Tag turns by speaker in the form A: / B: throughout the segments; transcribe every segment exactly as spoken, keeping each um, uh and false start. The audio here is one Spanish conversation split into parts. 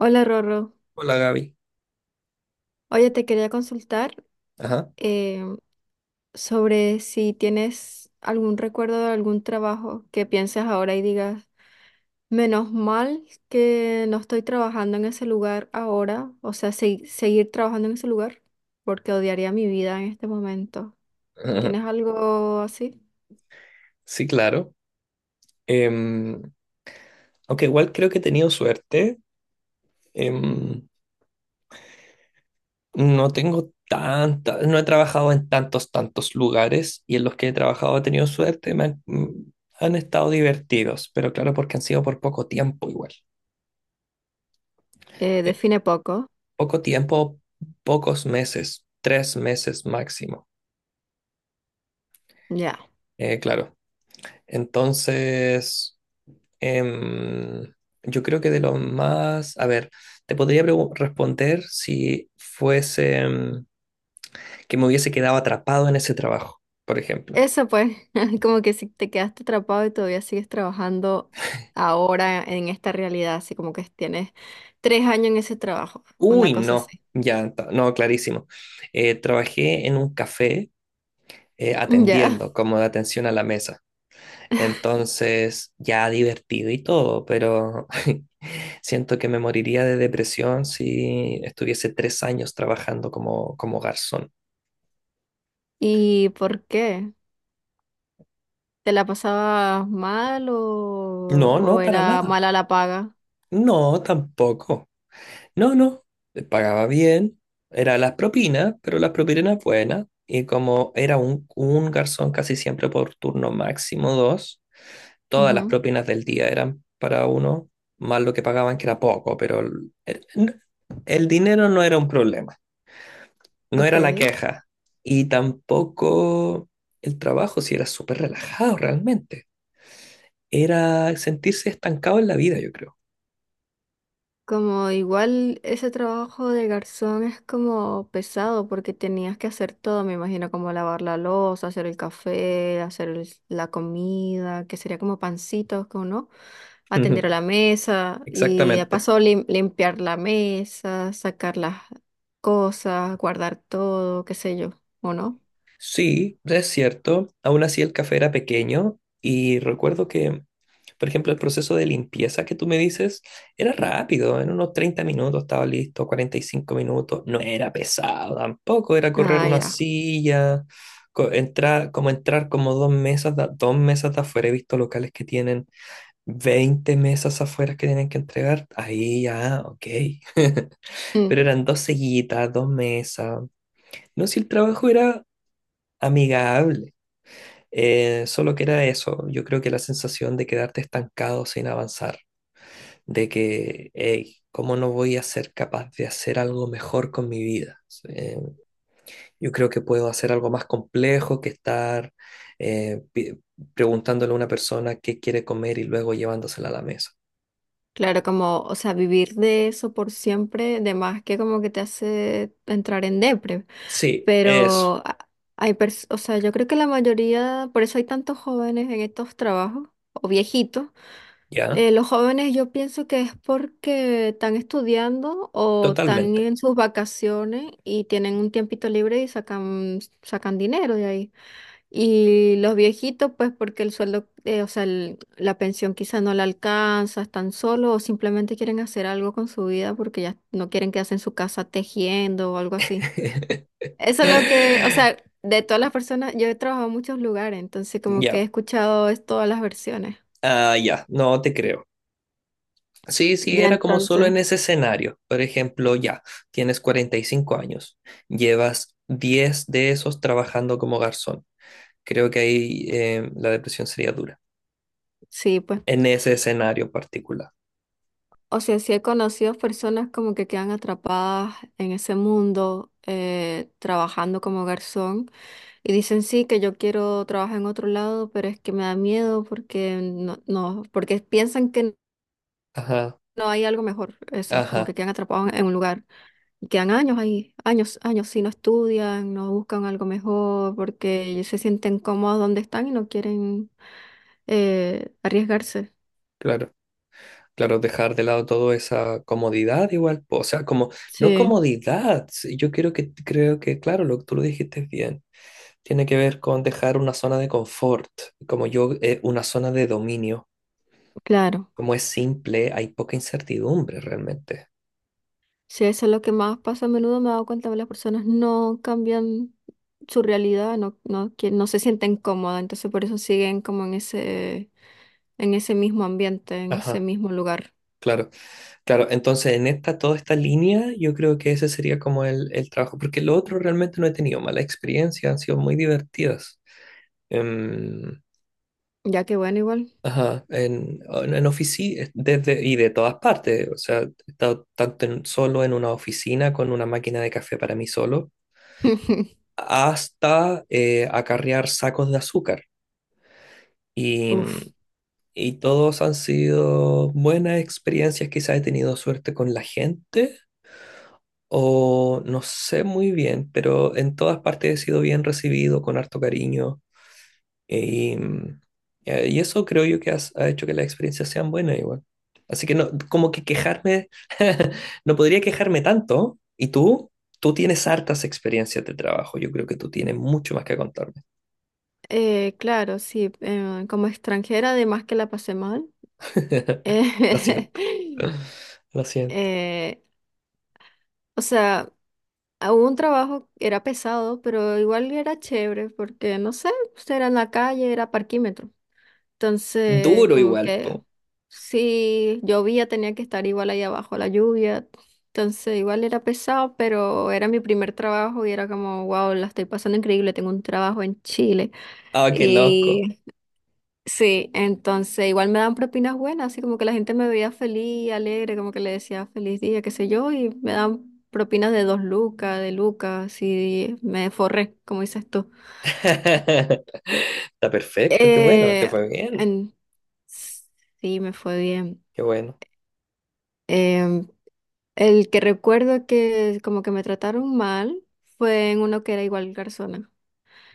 A: Hola Rorro.
B: Hola Gaby.
A: Oye, te quería consultar
B: Ajá.
A: eh, sobre si tienes algún recuerdo de algún trabajo que pienses ahora y digas, menos mal que no estoy trabajando en ese lugar ahora, o sea, segui- seguir trabajando en ese lugar, porque odiaría mi vida en este momento.
B: Ajá.
A: ¿Tienes algo así?
B: Sí, claro. Em, Aunque igual creo que he tenido suerte. Em, no tengo tanta, no he trabajado en tantos, tantos lugares y en los que he trabajado he tenido suerte. Me han, mm, han estado divertidos, pero claro, porque han sido por poco tiempo igual.
A: Eh,
B: Eh,
A: define poco.
B: Poco tiempo, pocos meses, tres meses máximo.
A: Ya.
B: Eh, claro. Entonces... Em, yo creo que de los más, a ver, te podría pregu- responder si fuese em, que me hubiese quedado atrapado en ese trabajo, por ejemplo.
A: Eso pues, como que si te quedaste atrapado y todavía sigues trabajando ahora en esta realidad, así como que tienes tres años en ese trabajo,
B: Uy,
A: una cosa
B: no,
A: así.
B: ya, ta- no, clarísimo. Eh, trabajé en un café eh,
A: Ya.
B: atendiendo, como de atención a la mesa. Entonces, ya divertido y todo, pero siento que me moriría de depresión si estuviese tres años trabajando como, como garzón.
A: ¿Y por qué? ¿Te la pasabas mal o,
B: No,
A: o
B: no, para
A: era
B: nada.
A: mala la paga?
B: No, tampoco. No, no. Pagaba bien. Era las propinas, pero las propinas eran buenas. Y como era un, un garzón casi siempre por turno máximo dos, todas las
A: Ujú.
B: propinas del día eran para uno, más lo que pagaban que era poco, pero el, el- el dinero no era un problema, no era la
A: Ok.
B: queja. Y tampoco el trabajo, si era súper relajado realmente. Era sentirse estancado en la vida, yo creo.
A: Como igual ese trabajo de garzón es como pesado porque tenías que hacer todo, me imagino, como lavar la loza, hacer el café, hacer el- la comida, que sería como pancitos, como no, atender a la mesa y de
B: Exactamente.
A: paso lim- limpiar la mesa, sacar las cosas, guardar todo, qué sé yo, ¿o no?
B: Sí, es cierto. Aún así el café era pequeño y recuerdo que, por ejemplo, el proceso de limpieza que tú me dices era rápido. En unos treinta minutos estaba listo, cuarenta y cinco minutos. No era pesado tampoco, era correr
A: Ah,
B: una
A: ya.
B: silla, co- entrar, como entrar como dos mesas, de- dos mesas de afuera. He visto locales que tienen veinte mesas afuera que tienen que entregar. Ahí ya, ok.
A: Mm.
B: Pero eran dos sillitas, dos mesas. No, si el trabajo era amigable. Eh, solo que era eso, yo creo que la sensación de quedarte estancado sin avanzar, de que, hey, ¿cómo no voy a ser capaz de hacer algo mejor con mi vida? Eh, yo creo que puedo hacer algo más complejo que estar eh, pi- preguntándole a una persona qué quiere comer y luego llevándosela a la mesa.
A: Claro, como, o sea, vivir de eso por siempre, de más que como que te hace entrar en depre.
B: Sí, eso,
A: Pero a- hay pers- o sea, yo creo que la mayoría, por eso hay tantos jóvenes en estos trabajos, o viejitos.
B: ya,
A: Eh, los jóvenes yo pienso que es porque están estudiando o están
B: totalmente.
A: en sus vacaciones y tienen un tiempito libre y sacan, sacan dinero de ahí. Y los viejitos, pues porque el sueldo, eh, o sea, el- la pensión quizá no la alcanza, están solos o simplemente quieren hacer algo con su vida porque ya no quieren quedarse en su casa tejiendo o algo así. Eso es lo que, o sea, de todas las personas, yo he trabajado en muchos lugares, entonces como que he
B: Ya,
A: escuchado es todas las versiones.
B: ah, ya, no te creo. Sí, sí,
A: Ya
B: era como solo
A: entonces,
B: en ese escenario. Por ejemplo, ya, tienes cuarenta y cinco años, llevas diez de esos trabajando como garzón. Creo que ahí eh, la depresión sería dura,
A: sí, pues.
B: en ese escenario particular.
A: O sea, sí he conocido personas como que quedan atrapadas en ese mundo eh, trabajando como garzón y dicen sí que yo quiero trabajar en otro lado, pero es que me da miedo porque no, no, porque piensan que
B: Ajá,
A: no hay algo mejor, eso, como
B: ajá,
A: que quedan atrapados en un lugar y quedan años ahí, años, años, si no estudian, no buscan algo mejor porque se sienten cómodos donde están y no quieren eh, arriesgarse.
B: claro, claro, dejar de lado toda esa comodidad igual, po, o sea, como, no
A: Sí,
B: comodidad, sí, yo creo que, creo que, claro, lo que tú lo dijiste bien, tiene que ver con dejar una zona de confort, como yo, eh, una zona de dominio
A: claro.
B: como es simple, hay poca incertidumbre realmente.
A: Sí, eso es lo que más pasa a menudo, me he dado cuenta que las personas no cambian su realidad, no, no, quie- no se sienten cómodas, entonces por eso siguen como en ese, en ese mismo ambiente, en ese
B: Ajá,
A: mismo lugar.
B: claro, claro. Entonces, en esta, toda esta línea, yo creo que ese sería como el, el trabajo, porque lo otro realmente no he tenido mala experiencia, han sido muy divertidas. Em,
A: Ya que bueno, igual.
B: ajá, en, en oficina, desde, y de todas partes, o sea, he estado tanto en- solo en una oficina con una máquina de café para mí solo, hasta eh, acarrear sacos de azúcar. Y,
A: Uf.
B: Y todos han sido buenas experiencias, quizás he tenido suerte con la gente o no sé muy bien, pero en todas partes he sido bien recibido, con harto cariño. Y, mm, eh, y eso creo yo que has- ha hecho que las experiencias sean buenas igual. Así que no, como que quejarme, no podría quejarme tanto. ¿Y tú? Tú tienes hartas experiencias de trabajo. Yo creo que tú tienes mucho más que contarme.
A: Eh, claro, sí, eh, como extranjera, además que la pasé mal.
B: Lo
A: eh,
B: siento, lo siento.
A: eh, o sea, hubo un trabajo, era pesado, pero igual era chévere porque, no sé, pues, era en la calle, era parquímetro. Entonces,
B: Duro
A: como
B: igual,
A: que
B: po.
A: si llovía, tenía que estar igual ahí abajo, la lluvia. Entonces, igual era pesado, pero era mi primer trabajo y era como, wow, la estoy pasando increíble, tengo un trabajo en Chile.
B: Ah, qué loco.
A: Sí, entonces igual me daban propinas buenas, así como que la gente me veía feliz, alegre, como que le decía feliz día, qué sé yo, y me daban propinas de dos lucas, de lucas, y me forré, como dices tú.
B: Está perfecto, qué bueno, te
A: Eh,
B: fue bien,
A: en- Sí, me fue bien.
B: qué bueno.
A: Em, el que recuerdo que como que me trataron mal fue en uno que era igual garzona.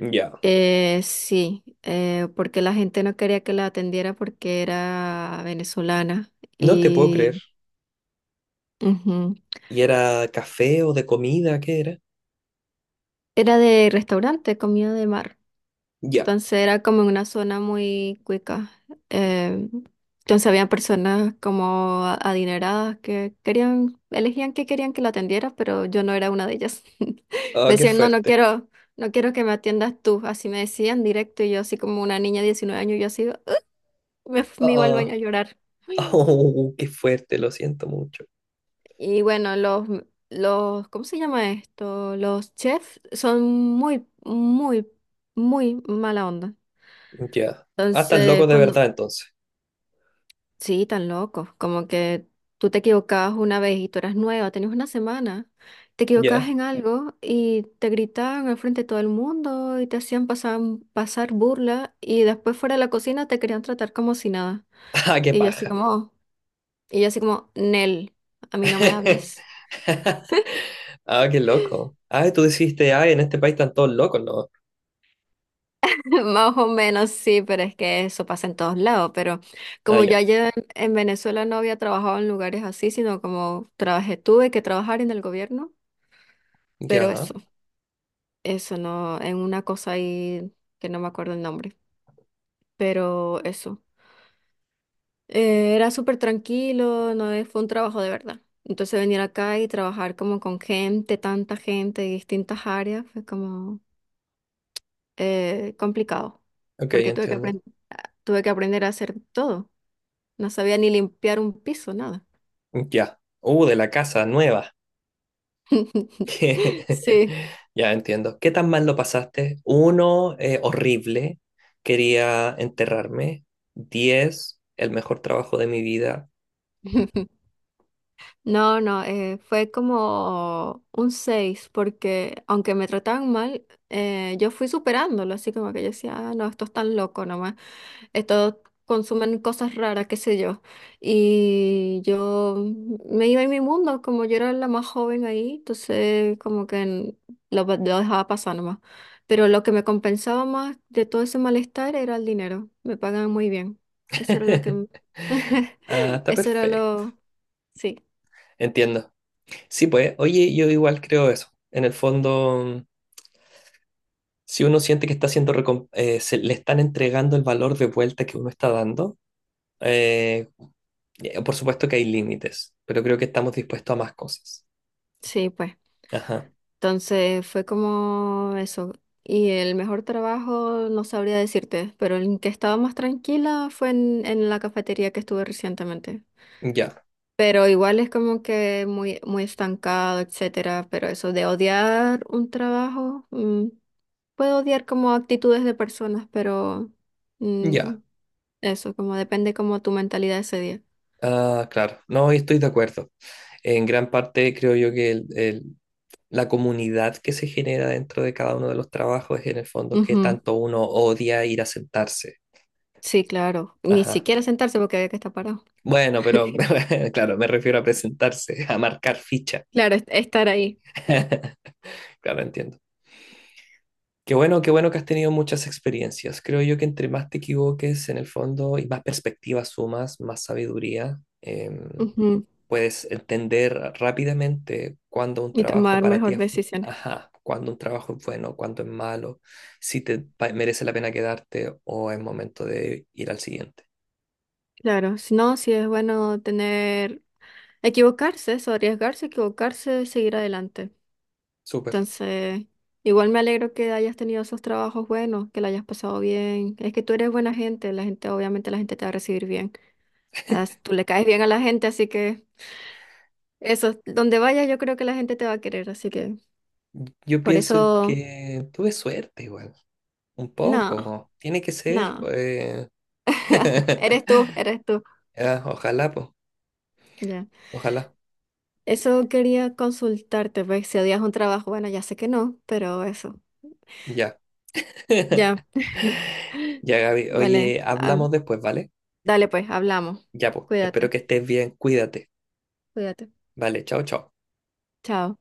B: Ya,
A: Eh, sí, eh, porque la gente no quería que la atendiera porque era venezolana.
B: no te puedo creer.
A: Ujú.
B: ¿Y era café o de comida? ¿Qué era?
A: Era de restaurante, comida de mar.
B: Ya,
A: Entonces era como en una zona muy cuica. Eh, entonces había personas como a- adineradas que querían, elegían que querían que la atendiera, pero yo no era una de ellas.
B: ah,
A: Me
B: qué
A: decían, no, no
B: fuerte.
A: quiero, no quiero que me atiendas tú. Así me decían directo y yo así como una niña de diecinueve años, yo así, "Ugh", me, f- me iba al baño a
B: Ah,
A: llorar.
B: ah, oh, qué fuerte, lo siento mucho.
A: Y bueno, los, los, ¿cómo se llama esto? Los chefs son muy, muy, muy mala onda.
B: Ya, ah, estás loco
A: Entonces,
B: de verdad
A: cuando,
B: entonces.
A: sí, tan locos, como que tú te equivocabas una vez y tú eras nueva, tenías una semana, te equivocabas
B: Ya,
A: en algo y te gritaban al frente de todo el mundo y te hacían pasar, pasar burla y después fuera de la cocina te querían tratar como si nada.
B: ah, qué
A: Y yo así
B: paja.
A: como, y yo así como, Nel, a mí no me hables.
B: Ah, qué loco. Ah, tú dijiste, ah, en este país están todos locos, ¿no?
A: Más o menos sí, pero es que eso pasa en todos lados. Pero
B: Ah,
A: como yo
B: ya,
A: allá en, en Venezuela no había trabajado en lugares así, sino como trabajé, tuve que trabajar en el gobierno, pero
B: ya,
A: eso, eso no, en una cosa ahí que no me acuerdo el nombre, pero eso. Eh, era súper tranquilo, no es- fue un trabajo de verdad. Entonces venir acá y trabajar como con gente, tanta gente de distintas áreas, fue como eh, complicado,
B: ok,
A: porque tuve que
B: entiendo.
A: aprender, tuve que aprender a hacer todo. No sabía ni limpiar un piso, nada.
B: Ya, uh, de la casa nueva.
A: Sí.
B: Ya entiendo. ¿Qué tan mal lo pasaste? Uno, eh, horrible. Quería enterrarme. Diez, el mejor trabajo de mi vida.
A: No, no, eh, fue como un seis porque aunque me trataban mal, eh, yo fui superándolo, así como que yo decía, ah, no, esto es tan loco nomás, estos consumen cosas raras, qué sé yo. Y yo me iba en mi mundo, como yo era la más joven ahí, entonces como que en- lo, lo dejaba pasar nomás. Pero lo que me compensaba más de todo ese malestar era el dinero, me pagaban muy bien, eso era lo que,
B: Ah, está
A: eso era
B: perfecto.
A: lo, sí.
B: Entiendo. Sí, pues, oye, yo igual creo eso. En el fondo, mm, si uno siente que está haciendo, recom- eh, se le están entregando el valor de vuelta que uno está dando, eh, eh, por supuesto que hay límites, pero creo que estamos dispuestos a más cosas.
A: Sí, pues.
B: Ajá.
A: Entonces fue como eso. Y el mejor trabajo no sabría decirte, pero el que estaba más tranquila fue en, en la cafetería que estuve recientemente.
B: Ya,
A: Pero igual es como que muy, muy estancado, etcétera. Pero eso de odiar un trabajo, mm, puedo odiar como actitudes de personas, pero mm,
B: ya.
A: eso, como depende como tu mentalidad ese día.
B: Ah, claro. No, estoy de acuerdo. En gran parte creo yo que el- el- la comunidad que se genera dentro de cada uno de los trabajos es en el fondo que
A: Ujú.
B: tanto uno odia ir a sentarse.
A: Sí, claro. Ni
B: Ajá.
A: siquiera sentarse porque había que estar parado.
B: Bueno, pero claro, me refiero a presentarse, a marcar ficha.
A: Claro, es- estar ahí.
B: Claro, entiendo. Qué bueno, qué bueno que has tenido muchas experiencias. Creo yo que entre más te equivoques en el fondo y más perspectivas sumas, más sabiduría. em, Puedes entender rápidamente cuándo un
A: Y
B: trabajo
A: tomar
B: para ti
A: mejor
B: es, bu-
A: decisiones.
B: ajá, cuándo un trabajo es bueno, cuándo es malo, si te pa- merece la pena quedarte o es momento de ir al siguiente.
A: Claro, si no, si es bueno tener, equivocarse, eso, arriesgarse, equivocarse, seguir adelante.
B: Súper.
A: Entonces, igual me alegro que hayas tenido esos trabajos buenos, que la hayas pasado bien. Es que tú eres buena gente, la gente, obviamente la gente te va a recibir bien. As- Tú le caes bien a la gente, así que eso, donde vayas yo creo que la gente te va a querer, así que
B: Yo
A: por
B: pienso
A: eso,
B: que tuve suerte igual, un
A: no,
B: poco. Tiene que ser,
A: no,
B: pues.
A: eres tú, eres tú.
B: Ah, ojalá, pues.
A: Ya.
B: Ojalá.
A: Eso quería consultarte, pues si odias un trabajo, bueno, ya sé que no, pero eso,
B: Ya.
A: ya.
B: Ya, Gaby.
A: Vale,
B: Oye,
A: hab-
B: hablamos después, ¿vale?
A: dale pues, hablamos.
B: Ya, pues. Espero
A: Cuídate,
B: que estés bien. Cuídate.
A: cuídate.
B: Vale, chao, chao.
A: Chao.